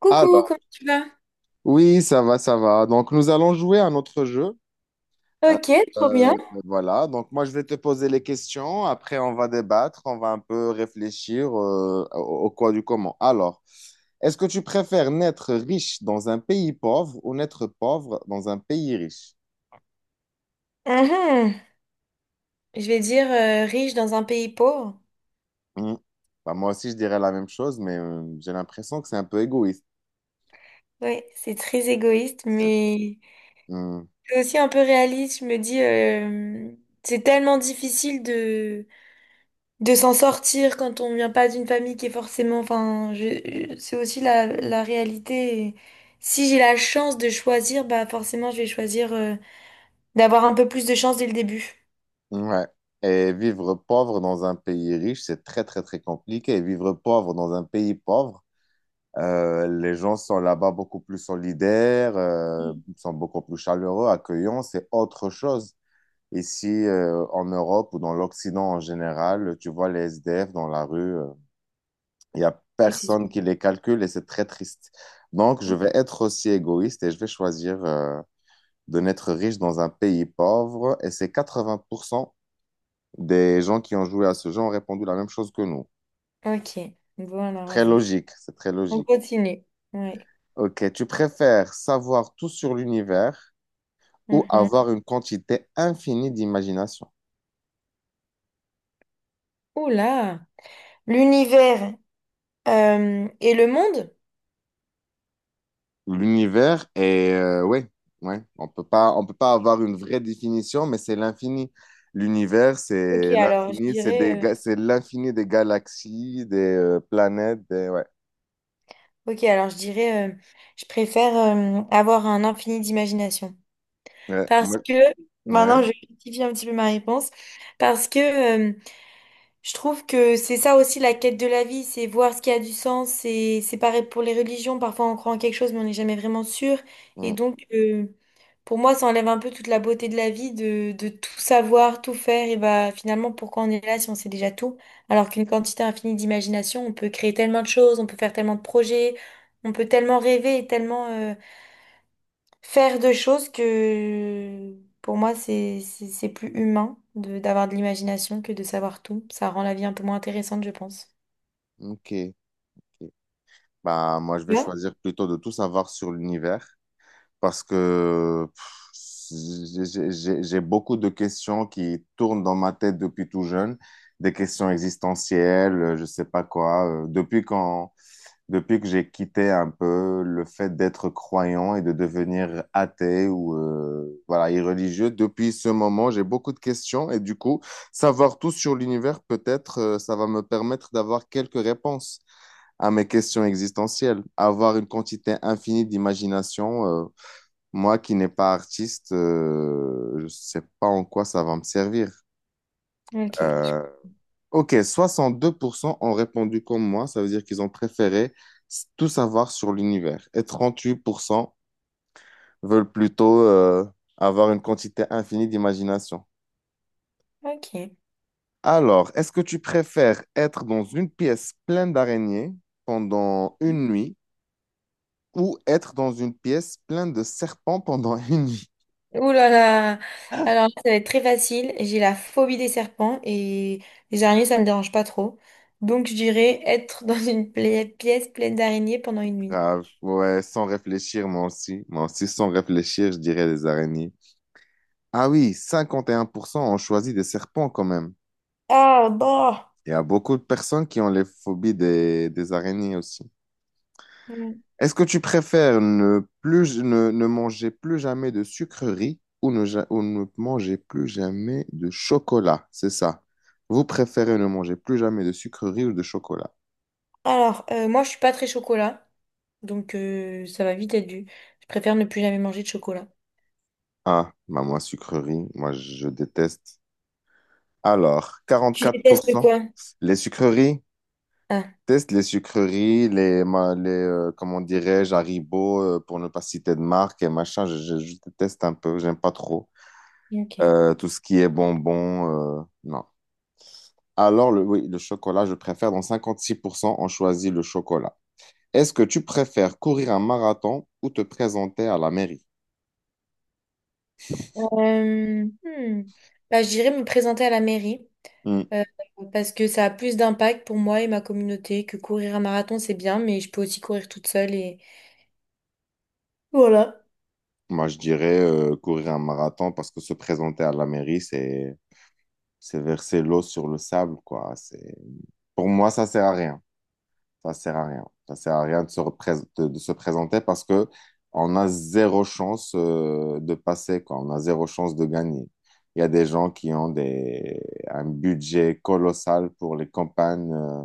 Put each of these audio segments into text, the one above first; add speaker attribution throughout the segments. Speaker 1: Coucou,
Speaker 2: Alors,
Speaker 1: comment tu vas?
Speaker 2: oui, ça va, ça va. Donc, nous allons jouer à notre jeu. Euh,
Speaker 1: Ok, trop bien.
Speaker 2: voilà, donc moi, je vais te poser les questions. Après, on va débattre, on va un peu réfléchir au quoi du comment. Alors, est-ce que tu préfères naître riche dans un pays pauvre ou naître pauvre dans un pays riche?
Speaker 1: Mhm. Je vais dire riche dans un pays pauvre.
Speaker 2: Hmm. Bah, moi aussi, je dirais la même chose, mais j'ai l'impression que c'est un peu égoïste.
Speaker 1: Oui, c'est très égoïste,
Speaker 2: C'est-
Speaker 1: mais
Speaker 2: Hmm.
Speaker 1: c'est aussi un peu réaliste. Je me dis, c'est tellement difficile de s'en sortir quand on vient pas d'une famille qui est forcément. Enfin, c'est aussi la réalité. Et si j'ai la chance de choisir, bah forcément, je vais choisir d'avoir un peu plus de chance dès le début.
Speaker 2: Ouais. Et vivre pauvre dans un pays riche, c'est très, très, très compliqué. Vivre pauvre dans un pays pauvre, les gens sont là-bas beaucoup plus solidaires,
Speaker 1: Mm.
Speaker 2: sont beaucoup plus chaleureux, accueillants, c'est autre chose. Ici, en Europe ou dans l'Occident en général, tu vois les SDF dans la rue. Il y a
Speaker 1: Décision.
Speaker 2: personne qui les calcule et c'est très triste. Donc, je vais être aussi égoïste et je vais choisir de n'être riche dans un pays pauvre, et c'est 80% des gens qui ont joué à ce jeu ont répondu la même chose que nous.
Speaker 1: Ok, bon alors
Speaker 2: Très
Speaker 1: vas-y.
Speaker 2: logique, c'est très
Speaker 1: On
Speaker 2: logique.
Speaker 1: continue. Ouais.
Speaker 2: Ok, tu préfères savoir tout sur l'univers ou
Speaker 1: Mhm.
Speaker 2: avoir une quantité infinie d'imagination.
Speaker 1: Oula! L'univers et le monde?
Speaker 2: L'univers est, ouais, ouais, on peut pas avoir une vraie définition, mais c'est l'infini. L'univers,
Speaker 1: Ok,
Speaker 2: c'est
Speaker 1: alors je
Speaker 2: l'infini, c'est des,
Speaker 1: dirais, euh,
Speaker 2: c'est l'infini des galaxies, des planètes, des, ouais,
Speaker 1: ok, alors je dirais, je préfère avoir un infini d'imagination.
Speaker 2: ouais,
Speaker 1: Parce
Speaker 2: ouais,
Speaker 1: que, maintenant
Speaker 2: ouais.
Speaker 1: je rectifie un petit peu ma réponse, parce que Je trouve que c'est ça aussi la quête de la vie, c'est voir ce qui a du sens. C'est pareil pour les religions. Parfois, on croit en quelque chose, mais on n'est jamais vraiment sûr. Et
Speaker 2: Mm,
Speaker 1: donc, pour moi, ça enlève un peu toute la beauté de la vie, de tout savoir, tout faire. Et bah, finalement, pourquoi on est là si on sait déjà tout? Alors qu'une quantité infinie d'imagination, on peut créer tellement de choses, on peut faire tellement de projets, on peut tellement rêver et tellement, faire de choses que pour moi c'est plus humain de d'avoir de l'imagination que de savoir tout. Ça rend la vie un peu moins intéressante, je pense.
Speaker 2: ok. Ok. Bah, moi, je vais
Speaker 1: Ouais.
Speaker 2: choisir plutôt de tout savoir sur l'univers, parce que pff, j'ai beaucoup de questions qui tournent dans ma tête depuis tout jeune, des questions existentielles, je sais pas quoi. Depuis que j'ai quitté un peu le fait d'être croyant et de devenir athée ou voilà, irreligieux, depuis ce moment, j'ai beaucoup de questions et du coup, savoir tout sur l'univers, peut-être, ça va me permettre d'avoir quelques réponses à mes questions existentielles. Avoir une quantité infinie d'imagination, moi qui n'ai pas artiste, je ne sais pas en quoi ça va me servir.
Speaker 1: Ok,
Speaker 2: Euh, ok, 62% ont répondu comme moi, ça veut dire qu'ils ont préféré tout savoir sur l'univers. Et 38% veulent plutôt avoir une quantité infinie d'imagination.
Speaker 1: ok.
Speaker 2: Alors, est-ce que tu préfères être dans une pièce pleine d'araignées pendant une nuit ou être dans une pièce pleine de serpents pendant une nuit?
Speaker 1: Ouh là là. Alors là, ça va être très facile. J'ai la phobie des serpents et les araignées, ça me dérange pas trop. Donc je dirais être dans une pièce pleine d'araignées pendant une nuit.
Speaker 2: Grave, ouais, sans réfléchir, moi aussi. Moi aussi, sans réfléchir, je dirais les araignées. Ah oui, 51% ont choisi des serpents quand même.
Speaker 1: Ah, bah.
Speaker 2: Il y a beaucoup de personnes qui ont les phobies des araignées aussi.
Speaker 1: Mm.
Speaker 2: Est-ce que tu préfères ne manger plus jamais de sucreries ou ne, ja- ou ne manger plus jamais de chocolat? C'est ça. Vous préférez ne manger plus jamais de sucreries ou de chocolat?
Speaker 1: Alors, moi je suis pas très chocolat, donc ça va vite être dû. Je préfère ne plus jamais manger de chocolat.
Speaker 2: Ah, bah moi, sucreries, moi, je déteste. Alors, quarante
Speaker 1: Tu
Speaker 2: quatre pour
Speaker 1: détestes
Speaker 2: cent
Speaker 1: quoi?
Speaker 2: Les sucreries,
Speaker 1: Ah,
Speaker 2: teste les sucreries, les, les comment dirais-je, Haribo, pour ne pas citer de marque et machin, je déteste un peu, j'aime pas trop.
Speaker 1: oui, ok.
Speaker 2: Tout ce qui est bonbons, non. Alors, le, oui, le chocolat, je préfère, dans 56%, on choisit le chocolat. Est-ce que tu préfères courir un marathon ou te présenter à la mairie?
Speaker 1: Hmm. Bah, je dirais me présenter à la mairie
Speaker 2: Hmm.
Speaker 1: euh, parce que ça a plus d'impact pour moi et ma communauté que courir un marathon, c'est bien, mais je peux aussi courir toute seule et voilà.
Speaker 2: Moi, je dirais courir un marathon parce que se présenter à la mairie, c'est verser l'eau sur le sable, quoi. C'est, pour moi, ça sert à rien. Ça sert à rien. Ça sert à rien de se présenter parce que on a zéro chance de passer, quoi. On a zéro chance de gagner. Il y a des gens qui ont des, un budget colossal pour les campagnes.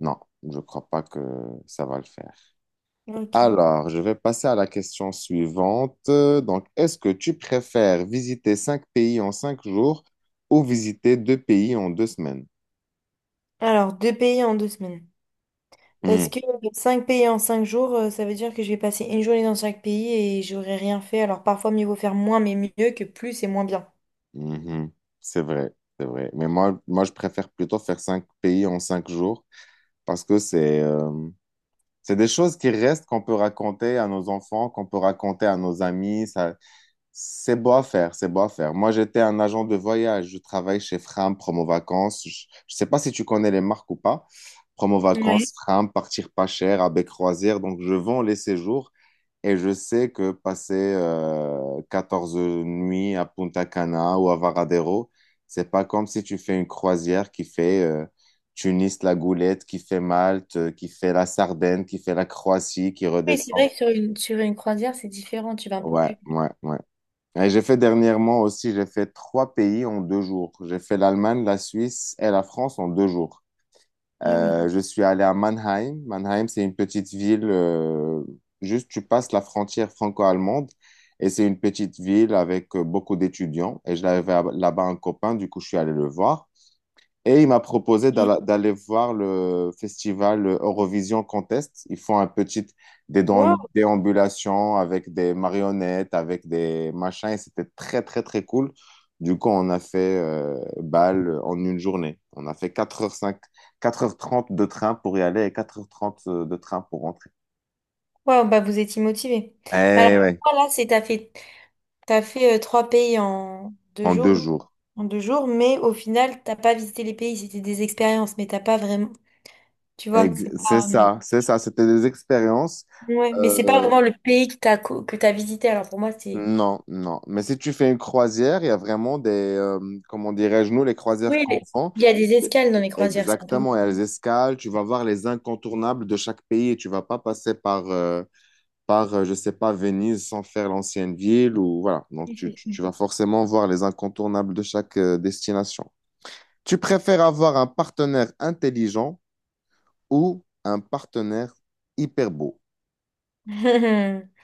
Speaker 2: Non, je crois pas que ça va le faire.
Speaker 1: Ok.
Speaker 2: Alors, je vais passer à la question suivante. Donc, est-ce que tu préfères visiter cinq pays en cinq jours ou visiter deux pays en deux semaines?
Speaker 1: Alors, deux pays en 2 semaines.
Speaker 2: Hmm.
Speaker 1: Parce que cinq pays en 5 jours, ça veut dire que je vais passer une journée dans chaque pays et j'aurai rien fait. Alors, parfois, mieux vaut faire moins, mais mieux que plus et moins bien.
Speaker 2: Mhm. C'est vrai, c'est vrai. Mais moi, je préfère plutôt faire cinq pays en cinq jours parce que c'est des choses qui restent qu'on peut raconter à nos enfants, qu'on peut raconter à nos amis. Ça, c'est beau à faire, c'est beau à faire. Moi, j'étais un agent de voyage. Je travaille chez Fram Promo Vacances. Je sais pas si tu connais les marques ou pas. Promo
Speaker 1: Ouais.
Speaker 2: Vacances, Fram, Partir pas cher, avec Croisière. Donc, je vends les séjours et je sais que passer 14 nuits à Punta Cana ou à Varadero, c'est pas comme si tu fais une croisière qui fait Tunis, la Goulette, qui fait Malte, qui fait la Sardaigne, qui fait la Croatie, qui
Speaker 1: Oui, c'est
Speaker 2: redescend.
Speaker 1: vrai que sur une croisière, c'est différent, tu vas un peu
Speaker 2: Ouais,
Speaker 1: plus.
Speaker 2: ouais, ouais. Et j'ai fait dernièrement aussi, j'ai fait trois pays en deux jours. J'ai fait l'Allemagne, la Suisse et la France en deux jours.
Speaker 1: Ah oui.
Speaker 2: Je suis allé à Mannheim. Mannheim, c'est une petite ville, juste tu passes la frontière franco-allemande, et c'est une petite ville avec beaucoup d'étudiants. Et je l'avais là-bas un copain, du coup je suis allé le voir. Et il m'a proposé
Speaker 1: Mhm.
Speaker 2: d'aller voir le festival Eurovision Contest. Ils font un petit
Speaker 1: Ouais.
Speaker 2: déambulations avec des marionnettes, avec des machins, et c'était très, très, très cool. Du coup, on a fait Bâle en une journée. On a fait 4h05, 4h30 de train pour y aller et 4h30 de train pour rentrer.
Speaker 1: Wow, bah vous étiez motivé. Bah
Speaker 2: Eh
Speaker 1: alors,
Speaker 2: ouais,
Speaker 1: toi, là, c'est t'as fait trois pays en deux
Speaker 2: en deux
Speaker 1: jours,
Speaker 2: jours.
Speaker 1: en deux jours, mais au final, t'as pas visité les pays, c'était des expériences, mais t'as pas vraiment, tu vois, c'est pas,
Speaker 2: C'est ça, c'était des expériences.
Speaker 1: ouais, mais c'est pas
Speaker 2: Euh,
Speaker 1: vraiment le pays que t'as visité. Alors pour moi, c'est,
Speaker 2: Non, non. Mais si tu fais une croisière, il y a vraiment des, comment dirais-je, nous, les croisières
Speaker 1: oui,
Speaker 2: qu'on
Speaker 1: mais il y a des
Speaker 2: fait.
Speaker 1: escales dans les croisières, c'est un peu mieux.
Speaker 2: Exactement, elles escalent, tu vas voir les incontournables de chaque pays, et tu vas pas passer par, je sais pas, Venise sans faire l'ancienne ville ou voilà. Donc,
Speaker 1: Oui, c'est
Speaker 2: tu vas forcément voir les incontournables de chaque destination. Tu préfères avoir un partenaire intelligent ou un partenaire hyper beau?
Speaker 1: ça.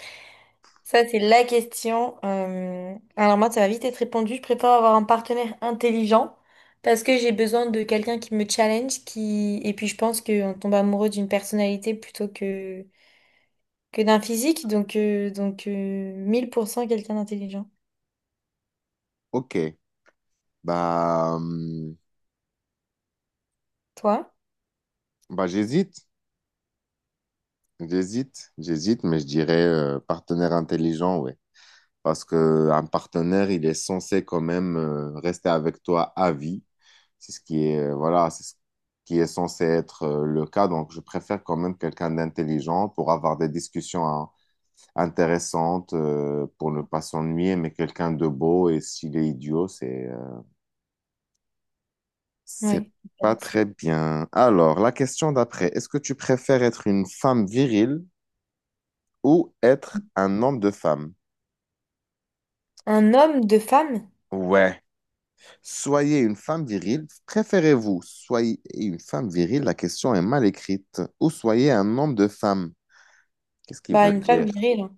Speaker 1: Ça, c'est la question. Alors moi, ça va vite être répondu. Je préfère avoir un partenaire intelligent parce que j'ai besoin de quelqu'un qui me challenge, qui... Et puis je pense qu'on tombe amoureux d'une personnalité plutôt que d'un physique. Donc, 1000% quelqu'un d'intelligent.
Speaker 2: Ok, bah, hum,
Speaker 1: Toi?
Speaker 2: bah j'hésite. J'hésite, mais je dirais partenaire intelligent, ouais. Parce que un partenaire, il est censé quand même rester avec toi à vie. C'est ce qui est, voilà, c'est ce qui est censé être le cas. Donc, je préfère quand même quelqu'un d'intelligent pour avoir des discussions hein, intéressantes, pour ne pas s'ennuyer, mais quelqu'un de beau. Et s'il est idiot, c'est
Speaker 1: Oui.
Speaker 2: pas très bien. Alors, la question d'après, est-ce que tu préfères être une femme virile ou être un homme de femme?
Speaker 1: Un homme de femme?
Speaker 2: Ouais. Soyez une femme virile. Préférez-vous soyez une femme virile? La question est mal écrite. Ou soyez un homme de femme. Qu'est-ce qu'ils
Speaker 1: Bah,
Speaker 2: veulent
Speaker 1: une femme
Speaker 2: dire?
Speaker 1: virile, hein.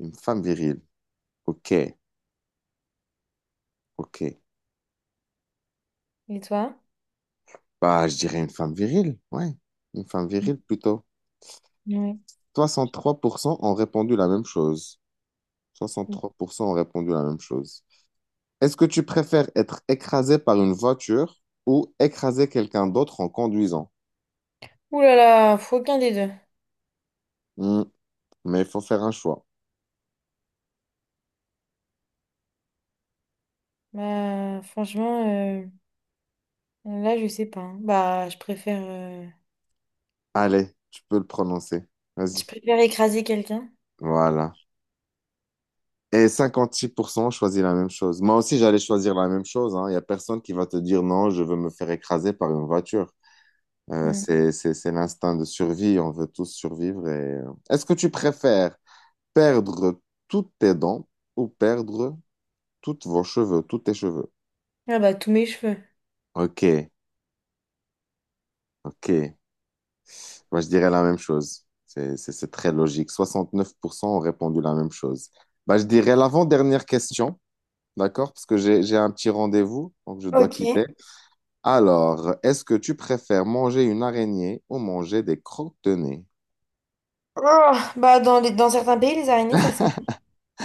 Speaker 2: Une femme virile. Ok, ok.
Speaker 1: Et toi?
Speaker 2: Bah, je dirais une femme virile. Ouais, une femme virile plutôt.
Speaker 1: Oui.
Speaker 2: 63% ont répondu la même chose. 63% ont répondu la même chose. Est-ce que tu préfères être écrasé par une voiture ou écraser quelqu'un d'autre en conduisant?
Speaker 1: Ouh là là, faut aucun des deux.
Speaker 2: Hmm, mais il faut faire un choix.
Speaker 1: Bah, franchement, euh, là, je sais pas, hein.
Speaker 2: Allez, tu peux le prononcer.
Speaker 1: Je
Speaker 2: Vas-y.
Speaker 1: préfère écraser quelqu'un.
Speaker 2: Voilà. Et 56% ont choisi la même chose. Moi aussi, j'allais choisir la même chose, hein. Il n'y a personne qui va te dire non, je veux me faire écraser par une voiture. Euh,
Speaker 1: Hmm.
Speaker 2: c'est, c'est, c'est l'instinct de survie. On veut tous survivre. Est-ce que tu préfères perdre toutes tes dents ou perdre toutes vos cheveux, tous tes cheveux?
Speaker 1: Ah bah, tous mes cheveux.
Speaker 2: Ok, ok. Moi, je dirais la même chose. C'est très logique. 69% ont répondu la même chose. Bah, je dirais l'avant-dernière question, d'accord? Parce que j'ai un petit rendez-vous, donc je dois
Speaker 1: Ok.
Speaker 2: quitter. Alors, est-ce que tu préfères manger une araignée ou manger des crottes de nez?
Speaker 1: Oh, bah dans certains pays, les araignées, ça se mange.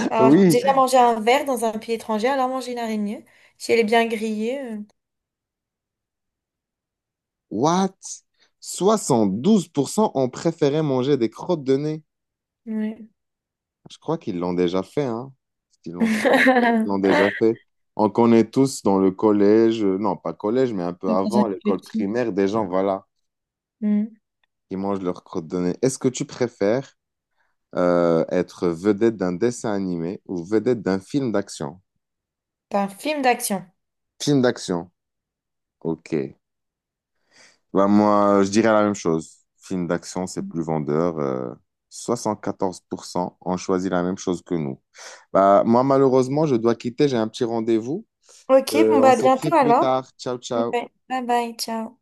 Speaker 1: Alors,
Speaker 2: Oui,
Speaker 1: j'ai déjà mangé un verre dans un pays étranger, alors manger une araignée. Si elle est bien grillée.
Speaker 2: what? 72% ont préféré manger des crottes de nez.
Speaker 1: Ouais.
Speaker 2: Je crois qu'ils l'ont déjà fait, hein? Ils l'ont choisi. Ils l'ont déjà fait. On connaît tous dans le collège, non pas collège, mais un peu
Speaker 1: Dans un
Speaker 2: avant, l'école
Speaker 1: petit.
Speaker 2: primaire, des gens, voilà,
Speaker 1: Hmm.
Speaker 2: qui mangent leurs crottes de nez. Est-ce que tu préfères être vedette d'un dessin animé ou vedette d'un film d'action?
Speaker 1: C'est un film d'action.
Speaker 2: Film d'action, ok. Bah, moi, je dirais la même chose. Film d'action, c'est plus vendeur. 74% ont choisi la même chose que nous. Bah, moi, malheureusement, je dois quitter, j'ai un petit rendez-vous.
Speaker 1: Ok, bon bah
Speaker 2: On
Speaker 1: à
Speaker 2: s'écrit
Speaker 1: bientôt
Speaker 2: plus
Speaker 1: alors.
Speaker 2: tard. Ciao, ciao.
Speaker 1: Ouais. Bye bye, ciao.